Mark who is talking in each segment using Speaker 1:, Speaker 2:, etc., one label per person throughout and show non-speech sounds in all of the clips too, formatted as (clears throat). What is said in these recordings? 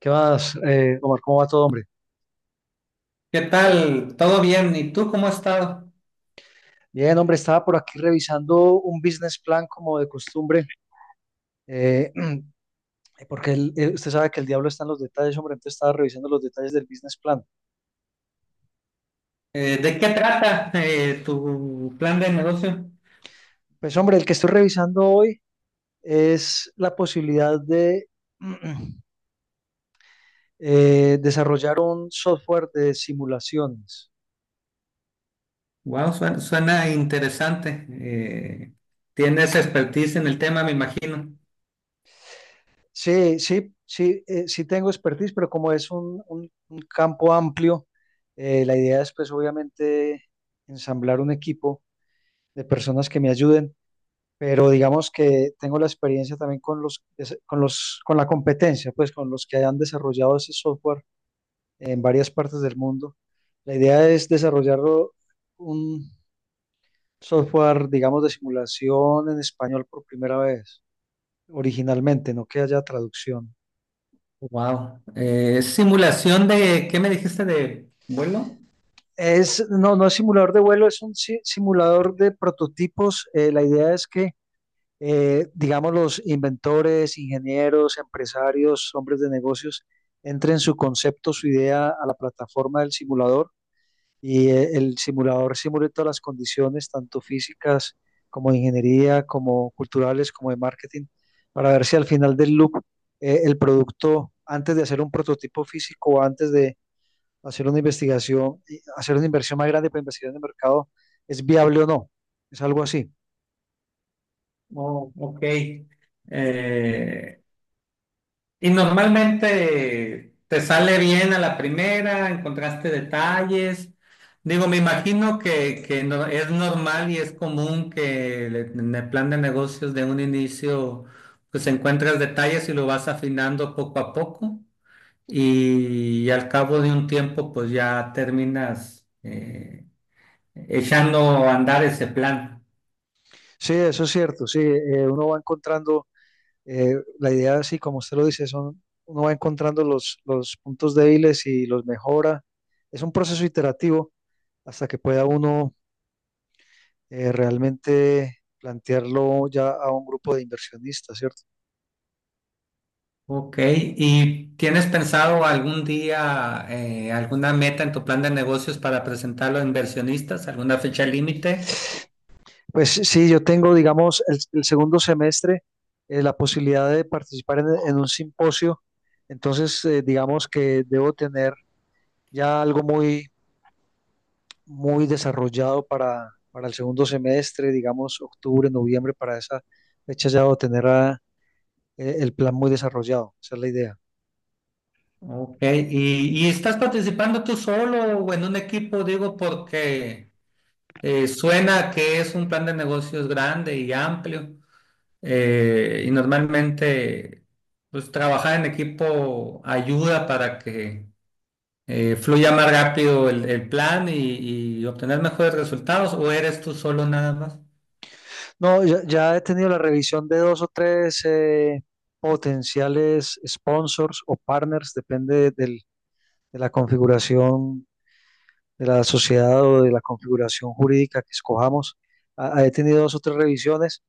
Speaker 1: ¿Qué más, Omar? ¿Cómo va todo, hombre?
Speaker 2: ¿Qué tal? ¿Todo bien? ¿Y tú cómo has estado?
Speaker 1: Bien, hombre, estaba por aquí revisando un business plan como de costumbre, eh, (clears throat) porque usted sabe que el diablo está en los detalles, hombre, entonces estaba revisando los detalles del business plan.
Speaker 2: ¿De qué trata tu plan de negocio?
Speaker 1: Pues, hombre, el que estoy revisando hoy es la posibilidad de (clears throat) desarrollar un software de simulaciones.
Speaker 2: Wow, suena, suena interesante. Tienes expertise en el tema, me imagino.
Speaker 1: Sí, sí, sí, sí tengo expertise, pero como es un campo amplio, la idea es, pues, obviamente, ensamblar un equipo de personas que me ayuden, pero digamos que tengo la experiencia también con la competencia, pues con los que hayan desarrollado ese software en varias partes del mundo. La idea es desarrollar un software, digamos, de simulación en español por primera vez, originalmente, no que haya traducción.
Speaker 2: Wow. ¿Simulación de qué me dijiste, de vuelo?
Speaker 1: Es, no, no es simulador de vuelo, es un simulador de prototipos. La idea es que digamos, los inventores, ingenieros, empresarios, hombres de negocios, entren su concepto, su idea a la plataforma del simulador y el simulador simule todas las condiciones, tanto físicas como de ingeniería, como culturales, como de marketing, para ver si al final del loop el producto, antes de hacer un prototipo físico o antes de hacer una investigación, y hacer una inversión más grande para investigar en el mercado, es viable o no. Es algo así.
Speaker 2: Oh, ok. Eh, y normalmente te sale bien a la primera, ¿encontraste detalles? Digo, me imagino que, es normal y es común que en el plan de negocios de un inicio pues encuentras detalles y lo vas afinando poco a poco y, al cabo de un tiempo, pues ya terminas echando a andar ese plan.
Speaker 1: Sí, eso es cierto, sí, uno va encontrando, la idea, sí, como usted lo dice, son, uno va encontrando los puntos débiles y los mejora. Es un proceso iterativo hasta que pueda uno realmente plantearlo ya a un grupo de inversionistas, ¿cierto?
Speaker 2: Ok, ¿y tienes pensado algún día alguna meta en tu plan de negocios para presentarlo a inversionistas? ¿Alguna fecha límite?
Speaker 1: Pues sí, yo tengo, digamos, el segundo semestre la posibilidad de participar en un simposio, entonces digamos que debo tener ya algo muy desarrollado para el segundo semestre, digamos octubre, noviembre, para esa fecha ya debo tener el plan muy desarrollado, esa es la idea.
Speaker 2: Ok, y estás participando tú solo o en un equipo? Digo, porque suena que es un plan de negocios grande y amplio, y normalmente pues trabajar en equipo ayuda para que fluya más rápido el plan y obtener mejores resultados, ¿o eres tú solo nada más?
Speaker 1: No, ya, ya he tenido la revisión de dos o tres potenciales sponsors o partners, depende de la configuración de la sociedad o de la configuración jurídica que escojamos. Ah, he tenido dos o tres revisiones,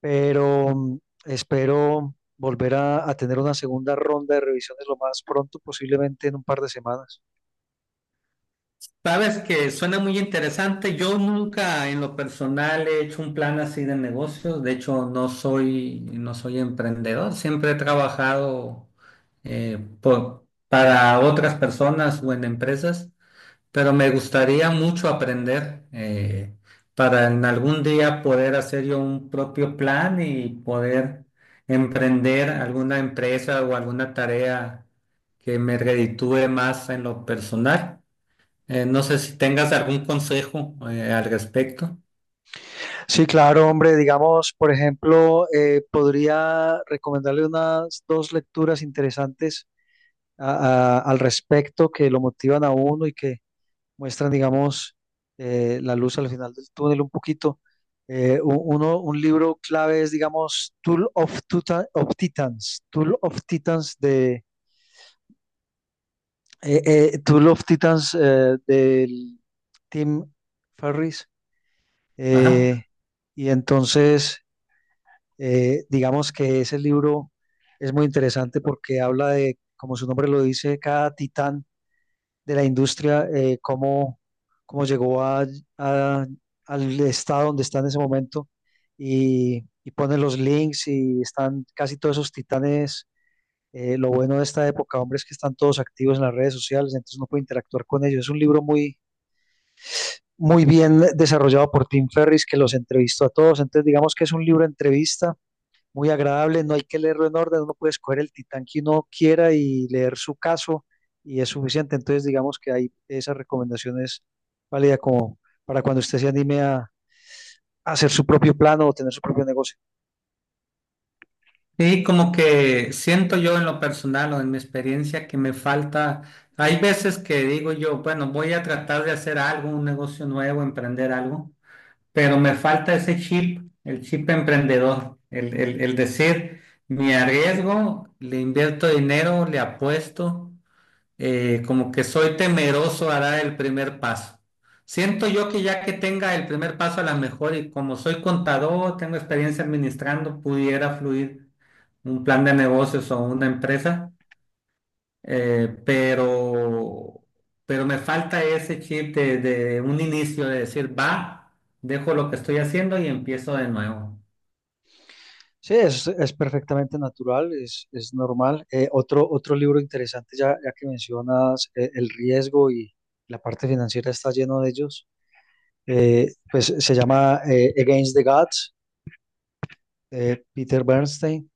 Speaker 1: pero espero volver a tener una segunda ronda de revisiones lo más pronto, posiblemente en un par de semanas.
Speaker 2: Sabes que suena muy interesante. Yo nunca en lo personal he hecho un plan así de negocios. De hecho, no soy emprendedor. Siempre he trabajado, para otras personas o en empresas, pero me gustaría mucho aprender, para en algún día poder hacer yo un propio plan y poder emprender alguna empresa o alguna tarea que me reditúe más en lo personal. No sé si tengas algún consejo al respecto.
Speaker 1: Sí, claro, hombre, digamos, por ejemplo, podría recomendarle unas dos lecturas interesantes al respecto que lo motivan a uno y que muestran, digamos, la luz al final del túnel un poquito. Uno, un libro clave es, digamos, Tool of Titans de Tool of Titans del Tim Ferris.
Speaker 2: Ajá.
Speaker 1: Eh, y entonces, digamos que ese libro es muy interesante porque habla de, como su nombre lo dice, cada titán de la industria, cómo, cómo llegó a- al estado donde está en ese momento y pone los links y están casi todos esos titanes. Lo bueno de esta época, hombre, es que están todos activos en las redes sociales, entonces uno puede interactuar con ellos. Es un libro muy, muy bien desarrollado por Tim Ferris, que los entrevistó a todos. Entonces, digamos que es un libro de entrevista muy agradable, no hay que leerlo en orden, uno puede escoger el titán que uno quiera y leer su caso y es suficiente. Entonces, digamos que hay esas recomendaciones válidas como para cuando usted se anime a hacer su propio plano o tener su propio negocio.
Speaker 2: Y como que siento yo en lo personal o en mi experiencia que me falta, hay veces que digo yo, bueno, voy a tratar de hacer algo, un negocio nuevo, emprender algo, pero me falta ese chip, el chip emprendedor, el decir, me arriesgo, le invierto dinero, le apuesto. Como que soy temeroso a dar el primer paso. Siento yo que ya que tenga el primer paso, a la mejor, y como soy contador, tengo experiencia administrando, pudiera fluir un plan de negocios o una empresa. eh, pero, pero me falta ese chip de un inicio, de decir, va, dejo lo que estoy haciendo y empiezo de nuevo.
Speaker 1: Sí, es perfectamente natural, es normal. Otro, otro libro interesante, ya, ya que mencionas el riesgo y la parte financiera está lleno de ellos, pues se llama Against the Gods, de Peter Bernstein.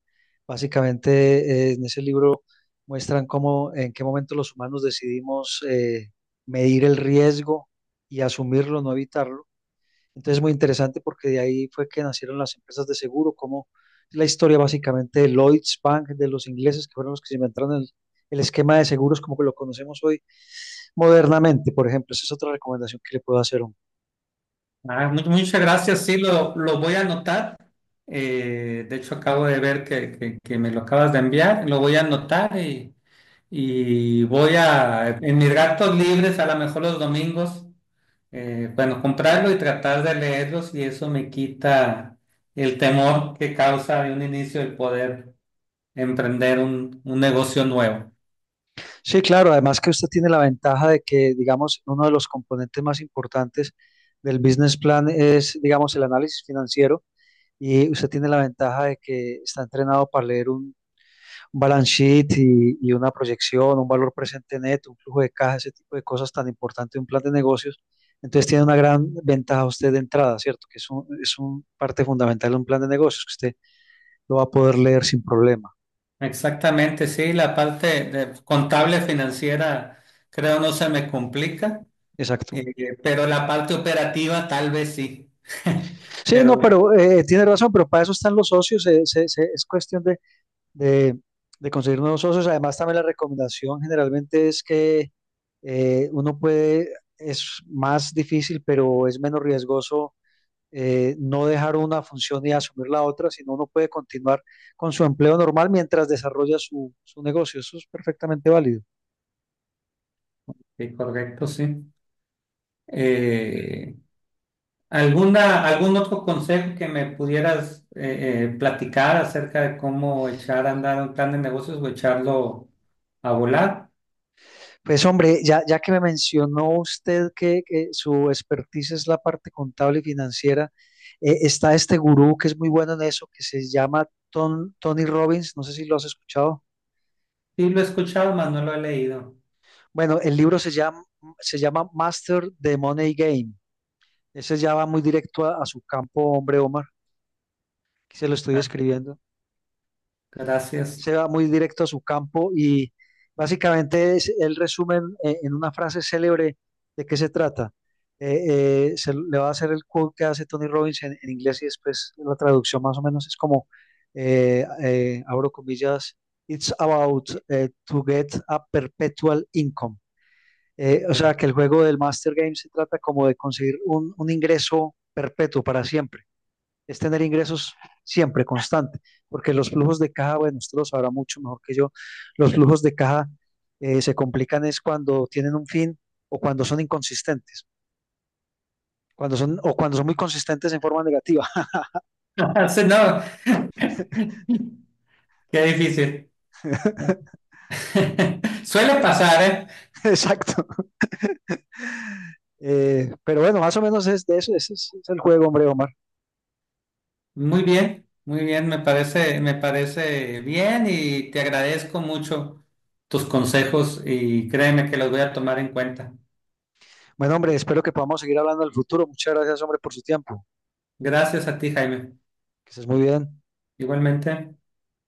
Speaker 1: Básicamente, en ese libro muestran cómo, en qué momento los humanos decidimos medir el riesgo y asumirlo, no evitarlo. Entonces, es muy interesante porque de ahí fue que nacieron las empresas de seguro, como la historia básicamente de Lloyds Bank, de los ingleses, que fueron los que se inventaron el esquema de seguros como que lo conocemos hoy modernamente, por ejemplo. Esa es otra recomendación que le puedo hacer.
Speaker 2: Ah, muchas gracias, sí, lo voy a anotar. De hecho, acabo de ver que, que me lo acabas de enviar, lo voy a anotar y voy a, en mis ratos libres, a lo mejor los domingos, bueno, comprarlo y tratar de leerlos, y eso me quita el temor que causa de un inicio el poder emprender un negocio nuevo.
Speaker 1: Sí, claro, además que usted tiene la ventaja de que, digamos, uno de los componentes más importantes del business plan es, digamos, el análisis financiero y usted tiene la ventaja de que está entrenado para leer un balance sheet y una proyección, un valor presente neto, un flujo de caja, ese tipo de cosas tan importantes de un plan de negocios. Entonces tiene una gran ventaja usted de entrada, ¿cierto? Que es un parte fundamental de un plan de negocios que usted lo va a poder leer sin problema.
Speaker 2: Exactamente, sí, la parte de contable financiera creo no se me complica.
Speaker 1: Exacto.
Speaker 2: Pero la parte operativa tal vez sí. (laughs)
Speaker 1: Sí, no,
Speaker 2: Pero
Speaker 1: pero tiene razón, pero para eso están los socios, es cuestión de, de- de conseguir nuevos socios. Además, también la recomendación generalmente es que uno puede, es más difícil, pero es menos riesgoso no dejar una función y asumir la otra, sino uno puede continuar con su empleo normal mientras desarrolla su, su negocio. Eso es perfectamente válido.
Speaker 2: sí, correcto, sí. Eh, ¿Alguna, algún otro consejo que me pudieras, platicar acerca de cómo echar a andar un plan de negocios o echarlo a volar?
Speaker 1: Pues hombre, ya, ya que me mencionó usted que su expertise es la parte contable y financiera, está este gurú que es muy bueno en eso, que se llama Tony Robbins, no sé si lo has escuchado.
Speaker 2: Sí, lo he escuchado, mas no lo he leído.
Speaker 1: Bueno, el libro se llama Master the Money Game. Ese ya va muy directo a su campo, hombre, Omar, que se lo estoy
Speaker 2: Ah,
Speaker 1: escribiendo.
Speaker 2: gracias.
Speaker 1: Se
Speaker 2: (laughs)
Speaker 1: va muy directo a su campo y básicamente es, él resume en una frase célebre de qué se trata. Se, le va a hacer el quote que hace Tony Robbins en inglés y después la traducción más o menos es como, abro comillas, it's about to get a perpetual income. O sea, que el juego del Master Game se trata como de conseguir un ingreso perpetuo para siempre es tener ingresos siempre constante, porque los flujos de caja, bueno, usted lo sabrá mucho mejor que yo, los flujos de caja se complican es cuando tienen un fin o cuando son inconsistentes, cuando son o cuando son muy consistentes en forma negativa.
Speaker 2: Sí. No. (laughs) Qué difícil. (laughs) Suele pasar, ¿eh?
Speaker 1: (laughs) Exacto. Pero bueno, más o menos es de eso, ese es, el juego, hombre, Omar.
Speaker 2: Muy bien, me parece bien, y te agradezco mucho tus consejos y créeme que los voy a tomar en cuenta.
Speaker 1: Bueno, hombre, espero que podamos seguir hablando del futuro. Muchas gracias, hombre, por su tiempo.
Speaker 2: Gracias a ti, Jaime.
Speaker 1: Que estés muy bien.
Speaker 2: Igualmente.